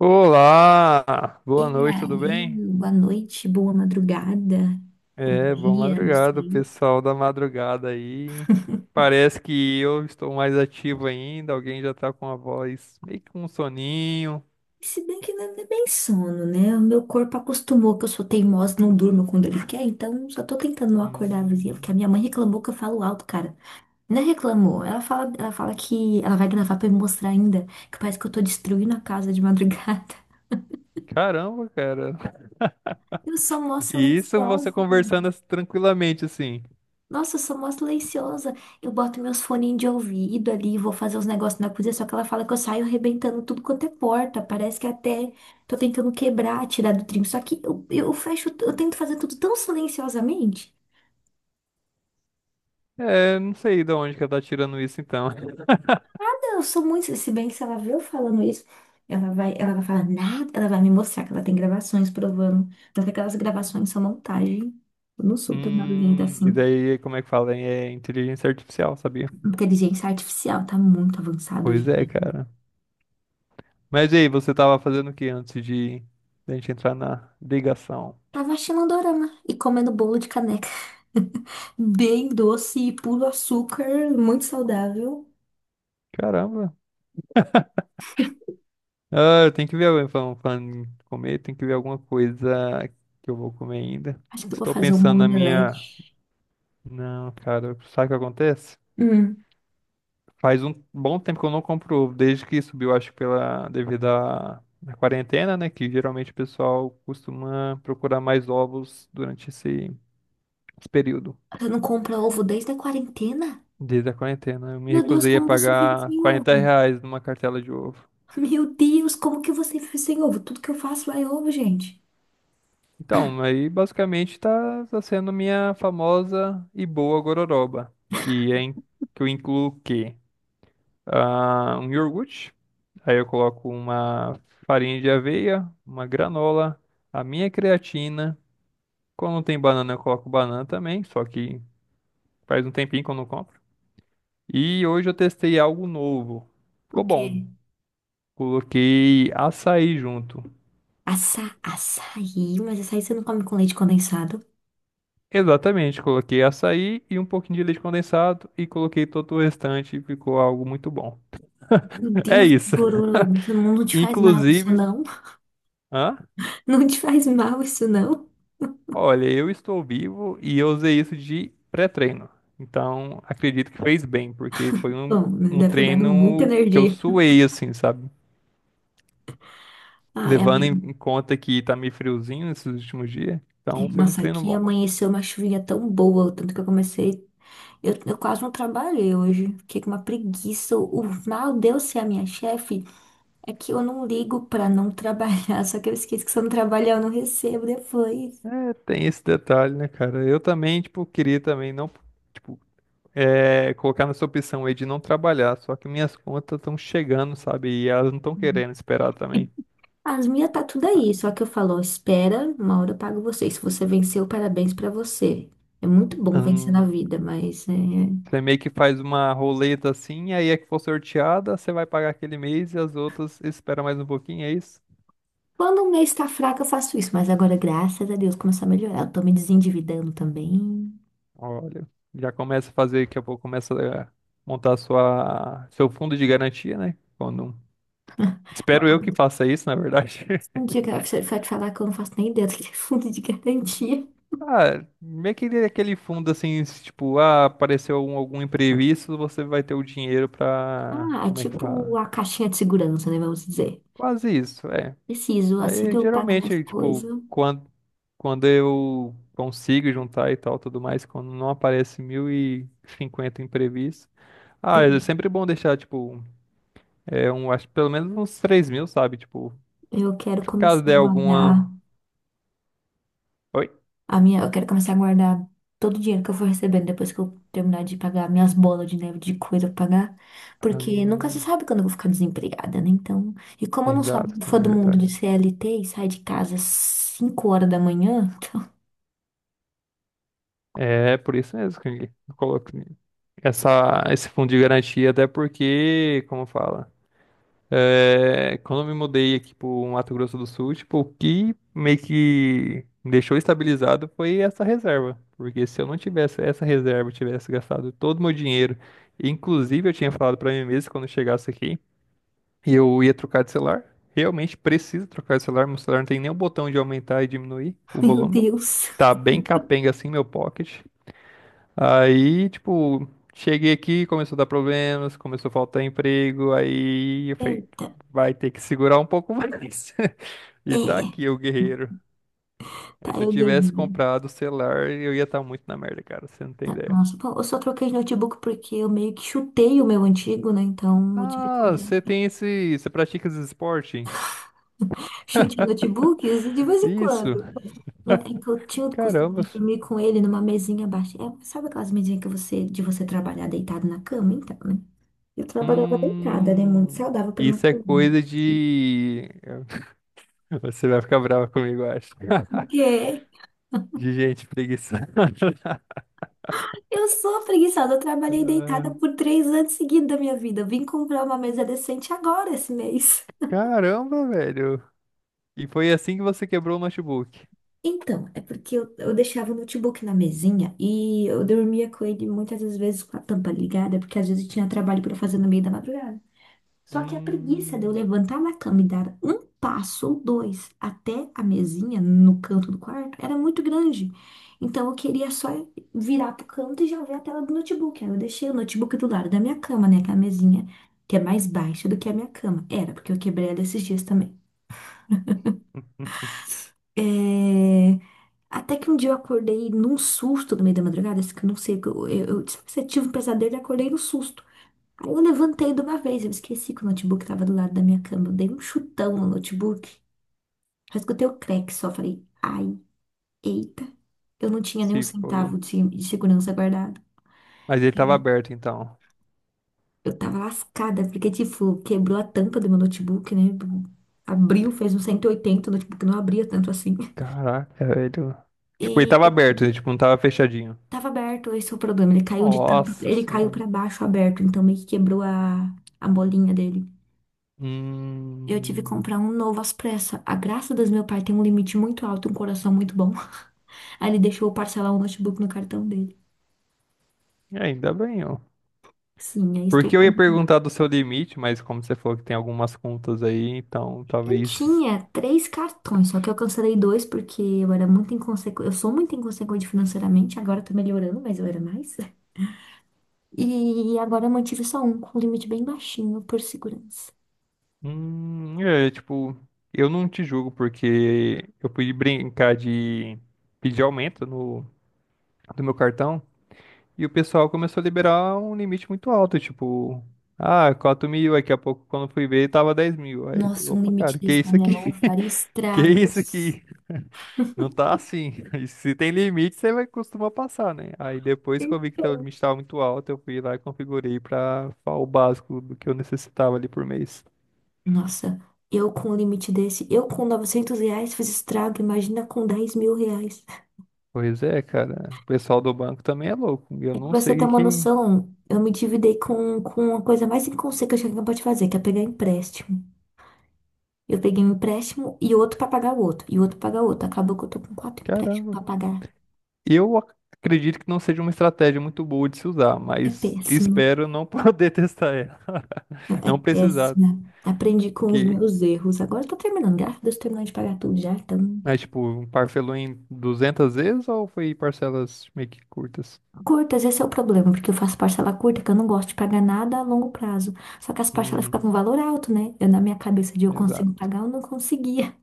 Olá, boa E noite, tudo aí, bem? boa noite, boa madrugada, bom É, boa dia, não madrugada, sei. pessoal da madrugada aí. Parece que eu estou mais ativo ainda, alguém já tá com a voz meio que com um soninho. Se bem que não é bem sono, né? O meu corpo acostumou que eu sou teimosa, não durmo quando ele quer, então só tô tentando não acordar a vizinha, porque a Hum, minha mãe reclamou que eu falo alto, cara. Não é reclamou, ela fala que ela vai gravar pra me mostrar ainda, que parece que eu tô destruindo a casa de madrugada. caramba, cara. Eu sou mó E isso você silenciosa. conversando assim, tranquilamente assim. Nossa, eu sou mó silenciosa. Eu boto meus foninhos de ouvido ali, vou fazer os negócios na cozinha, só que ela fala que eu saio arrebentando tudo quanto é porta. Parece que até tô tentando quebrar, tirar do trinco. Só que eu fecho, eu tento fazer tudo tão silenciosamente. É, não sei de onde que ela tá tirando isso então. Eu sou muito, se bem que se ela vê eu falando isso, ela vai falar nada, ela vai me mostrar que ela tem gravações provando. Mas que aquelas gravações são montagem. Eu não sou tão barulhenta e assim. daí, como é que fala? É inteligência artificial, sabia? Inteligência artificial tá muito avançada hoje. Pois é, cara. Mas e aí, você tava fazendo o que antes de da gente entrar na ligação? Tava assistindo um dorama e comendo bolo de caneca. Bem doce e puro açúcar, muito saudável. Caramba. Ah, eu tenho que ver, alguém falando, falando em comer, tem que ver alguma coisa que eu vou comer ainda. Acho que eu vou Estou fazer um pensando na minha. omelete. Não, cara, sabe o que acontece? Hum, Faz um bom tempo que eu não compro ovo, desde que subiu, acho que pela devido à quarentena, né? Que geralmente o pessoal costuma procurar mais ovos durante esse período. você não compra ovo desde a quarentena? Desde a quarentena. Eu me Meu Deus, recusei a como você vive pagar sem 40 ovo? reais numa cartela de ovo. Meu Deus, como que você vive sem ovo? Tudo que eu faço é ovo, gente. Então, aí basicamente tá sendo minha famosa e boa gororoba, que é em- que eu incluo o quê? Ah, um iogurte, aí eu coloco uma farinha de aveia, uma granola, a minha creatina. Quando não tem banana, eu coloco banana também, só que faz um tempinho que eu não compro. E hoje eu testei algo novo. O Ficou quê? bom. Coloquei açaí junto. Açaí, mas açaí você não come com leite condensado? Exatamente, coloquei açaí e um pouquinho de leite condensado e coloquei todo o restante e ficou algo muito bom. Meu É Deus, que isso. gororoba, isso não te faz mal isso Inclusive, não? hã? Não te faz mal isso não? Olha, eu estou vivo e eu usei isso de pré-treino. Então, acredito que fez bem, porque Bom, né, um deve ter dado muita treino que eu energia. suei, assim, sabe? Ai, a Levando em conta que tá meio friozinho esses últimos dias. Então, foi um Nossa, treino aqui bom. amanheceu uma chuvinha tão boa, o tanto que eu comecei. Eu quase não trabalhei hoje. Fiquei com uma preguiça. O mal de eu ser a minha chefe é que eu não ligo pra não trabalhar. Só que eu esqueço que se eu não trabalhar, eu não recebo depois. É, tem esse detalhe, né, cara? Eu também, tipo, queria também não. Tipo, é, colocar nessa opção aí de não trabalhar, só que minhas contas estão chegando, sabe? E elas não estão querendo esperar também. As minhas tá tudo aí. Só que eu falo, ó, espera, uma hora eu pago você. Se você venceu, parabéns pra você. É muito bom vencer na Hum, vida, mas é, você meio que faz uma roleta assim, aí é que for sorteada, você vai pagar aquele mês e as outras espera mais um pouquinho, é isso? quando o mês tá fraco, eu faço isso. Mas agora, graças a Deus, começou a melhorar. Eu tô me desendividando também. Olha, já começa a fazer, daqui a pouco começa a montar seu fundo de garantia, né? Quando, espero eu que faça isso, na verdade. Um dia que a professora vai te falar que eu não faço nem ideia do que é fundo de garantia. Ah, é aquele fundo assim, se, tipo, ah, apareceu algum imprevisto, você vai ter o dinheiro pra. Ah, é Como é que tipo fala? a caixinha de segurança, né? Vamos dizer. Quase isso, é. Preciso, assim que Aí eu pagar minhas geralmente, tipo, coisas, quando eu consigo juntar e tal, tudo mais, quando não aparece 1.050 imprevistos. Ah, é sempre bom deixar, tipo, é, um, acho que pelo menos uns 3.000, sabe? Tipo, eu quero se caso começar a der guardar alguma. Oi? Eu quero começar a guardar todo o dinheiro que eu for recebendo depois que eu terminar de pagar minhas bolas de neve de coisa pra pagar, porque nunca se Hum, sabe quando eu vou ficar desempregada, né? Então, e como eu não sou exato, muito tem fã do um mundo detalhe. de CLT e saio de casa às 5 horas da manhã, então, É por isso mesmo que eu coloco esse fundo de garantia, até porque, como fala, é, quando eu me mudei aqui pro Mato Grosso do Sul, tipo, o que meio que me deixou estabilizado foi essa reserva. Porque se eu não tivesse essa reserva, eu tivesse gastado todo o meu dinheiro, inclusive eu tinha falado pra mim mesmo quando eu chegasse aqui, e eu ia trocar de celular. Realmente preciso trocar de celular, meu celular não tem nem o botão de aumentar e diminuir o meu volume. Deus. Tá bem capenga assim meu pocket. Aí, tipo, cheguei aqui, começou a dar problemas, começou a faltar emprego, aí eu falei, Eita, vai ter que segurar um pouco mais. E tá é. aqui o guerreiro. Tá, Aí, se eu eu tivesse ganhei. comprado o celular, eu ia estar muito na merda, cara, você não tem Tá, ideia. nossa, bom, eu só troquei de notebook porque eu meio que chutei o meu antigo, né? Então eu tive que Ah, comprar você tem esse, você pratica esse esporte? chute em notebooks de vez em Isso. quando. Não, é que eu tinha o Caramba. costume de dormir com ele numa mesinha baixa. É, sabe aquelas mesinhas que você, de você trabalhar deitado na cama? Então, né? Eu trabalhava deitada, né? Muito Hum, saudável pra minha isso é coluna. coisa de você vai ficar brava comigo, eu acho. O Porque De gente preguiçosa. eu sou preguiçosa, eu trabalhei Ah, deitada por 3 anos seguidos da minha vida. Eu vim comprar uma mesa decente agora esse mês. caramba, velho. E foi assim que você quebrou o notebook. Então, é porque eu deixava o notebook na mesinha e eu dormia com ele muitas das vezes com a tampa ligada, porque às vezes eu tinha trabalho para fazer no meio da madrugada. Só que a preguiça de eu Hum. levantar na cama e dar um passo ou dois até a mesinha no canto do quarto era muito grande. Então eu queria só virar pro canto e já ver a tela do notebook. Aí eu deixei o notebook do lado da minha cama, né? Que é a mesinha que é mais baixa do que a minha cama. Era, porque eu quebrei ela esses dias também. É... Até que um dia eu acordei num susto no meio da madrugada, assim, que eu não sei, que eu tive um pesadelo e acordei no susto. Aí eu levantei de uma vez, eu esqueci que o notebook tava do lado da minha cama. Eu dei um chutão no notebook, só escutei o crack só, falei, ai, eita. Eu não tinha nem um Se foi. centavo de segurança guardado. Mas ele tava aberto então. Eu tava lascada, porque, tipo, quebrou a tampa do meu notebook, né? Abriu, fez um 180, o notebook não abria tanto assim. Caraca, velho. Tipo, ele E tava aberto, ele, tipo, não tava fechadinho. tava aberto, esse é o problema. Ele caiu de tanto. Nossa Ele caiu senhora. pra baixo aberto, então meio que quebrou a bolinha dele. Eu tive que comprar Hum, um novo às pressas. A graça das meu pai tem um limite muito alto, um coração muito bom. Aí ele deixou eu parcelar o notebook no cartão dele. ainda bem, ó. Sim, aí estou. Porque eu Com- ia um perguntar do seu limite, mas como você falou que tem algumas contas aí, então eu talvez. tinha três cartões, só que eu cancelei dois porque eu era muito inconsequente. Eu sou muito inconsequente financeiramente, agora tô melhorando, mas eu era mais. E agora eu mantive só um, com um limite bem baixinho, por segurança. É, tipo, eu não te julgo porque eu fui brincar de pedir aumento no, do meu cartão. E o pessoal começou a liberar um limite muito alto, tipo, ah, 4.000, aí daqui a pouco, quando fui ver, tava 10.000. Aí, eu falei, Nossa, um opa, limite cara, que desse na isso minha mão aqui? faria Que isso estragos. aqui? Não tá assim. Se tem limite, você vai costuma passar, né? Aí depois que eu vi que o Então. limite tava muito alto, eu fui lá e configurei pra o básico do que eu necessitava ali por mês. Nossa, eu com um limite desse, eu com 900 reais fiz estrago, imagina com 10 mil reais. Pois é, cara, o pessoal do banco também é louco. Eu É que não pra você ter sei o que uma que. noção, eu me endividei com a coisa mais inconsequente que alguém pode fazer, que é pegar empréstimo. Eu peguei um empréstimo e outro pra pagar o outro, e outro pra pagar o outro. Acabou que eu tô com 4 empréstimos Caramba. pra pagar. Eu ac- Acredito que não seja uma estratégia muito boa de se usar, É mas péssimo, espero não poder testar ela. é Não precisar. péssima. Aprendi com os Que, meus erros. Agora eu tô terminando, graças a Deus, terminando de pagar tudo já, então. mas, tipo, parcelou em 200 vezes ou foi parcelas meio que curtas? Curtas, esse é o problema, porque eu faço parcela curta, que eu não gosto de pagar nada a longo prazo. Só que as parcelas Uhum, ficavam um valor alto, né? Eu, na minha cabeça de eu consigo exato. pagar, eu não conseguia.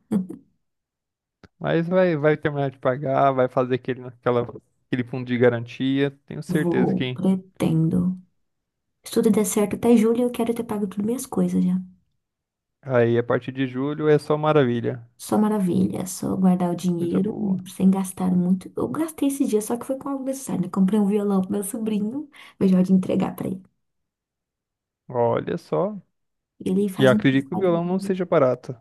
Mas vai terminar de pagar, vai fazer aquele fundo de garantia. Tenho certeza Vou, que pretendo. Se tudo der certo até julho, eu quero ter pago tudo minhas coisas já. aí a partir de julho é só maravilha. Só maravilha, só guardar o Coisa dinheiro boa. sem gastar muito. Eu gastei esse dia, só que foi com algo necessário, né? Comprei um violão pro meu sobrinho, eu já de entregar pra ele. Olha só. Ele E eu faz acredito que o violão não aniversário. seja barato.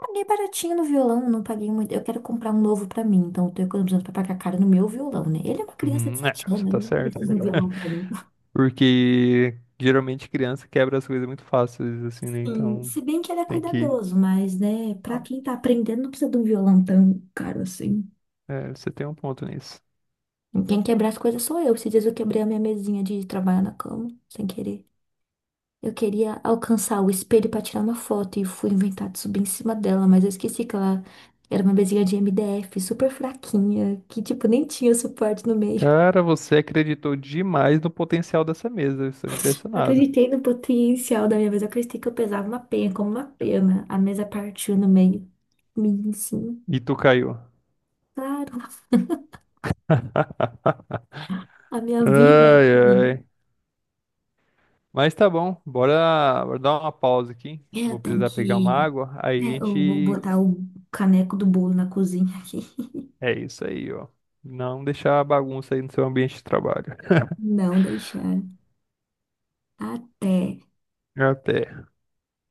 Paguei baratinho no violão, não paguei muito. Eu quero comprar um novo pra mim, então eu tô economizando pra pagar caro no meu violão, né? Ele é uma criança de 7 É, você anos, tá ele não certo. precisa de um violão caro. Porque geralmente criança quebra as coisas muito fáceis, assim, né? Sim, Então se bem que ele é tem que. cuidadoso, mas, né, pra Ó, quem tá aprendendo, não precisa de um violão tão caro assim. é, você tem um ponto nisso. Quem quebra as coisas sou eu. Esses dias eu quebrei a minha mesinha de trabalhar na cama, sem querer. Eu queria alcançar o espelho pra tirar uma foto e fui inventar de subir em cima dela, mas eu esqueci que ela era uma mesinha de MDF, super fraquinha, que, tipo, nem tinha suporte no meio. Cara, você acreditou demais no potencial dessa mesa. Eu estou Eu impressionado. acreditei no potencial da minha mesa. Eu acreditei que eu pesava uma penha, como uma pena. A mesa partiu no meio. Mim, sim. E tu caiu. Claro, a minha vida é Ai, assim. ai. Mas tá bom. Bora dar uma pausa aqui. É, Vou eu tenho precisar pegar uma que. água. Aí a É, eu vou gente. botar o caneco do bolo na cozinha aqui. É isso aí, ó. Não deixar a bagunça aí no seu ambiente de trabalho. Não deixar. Até Até.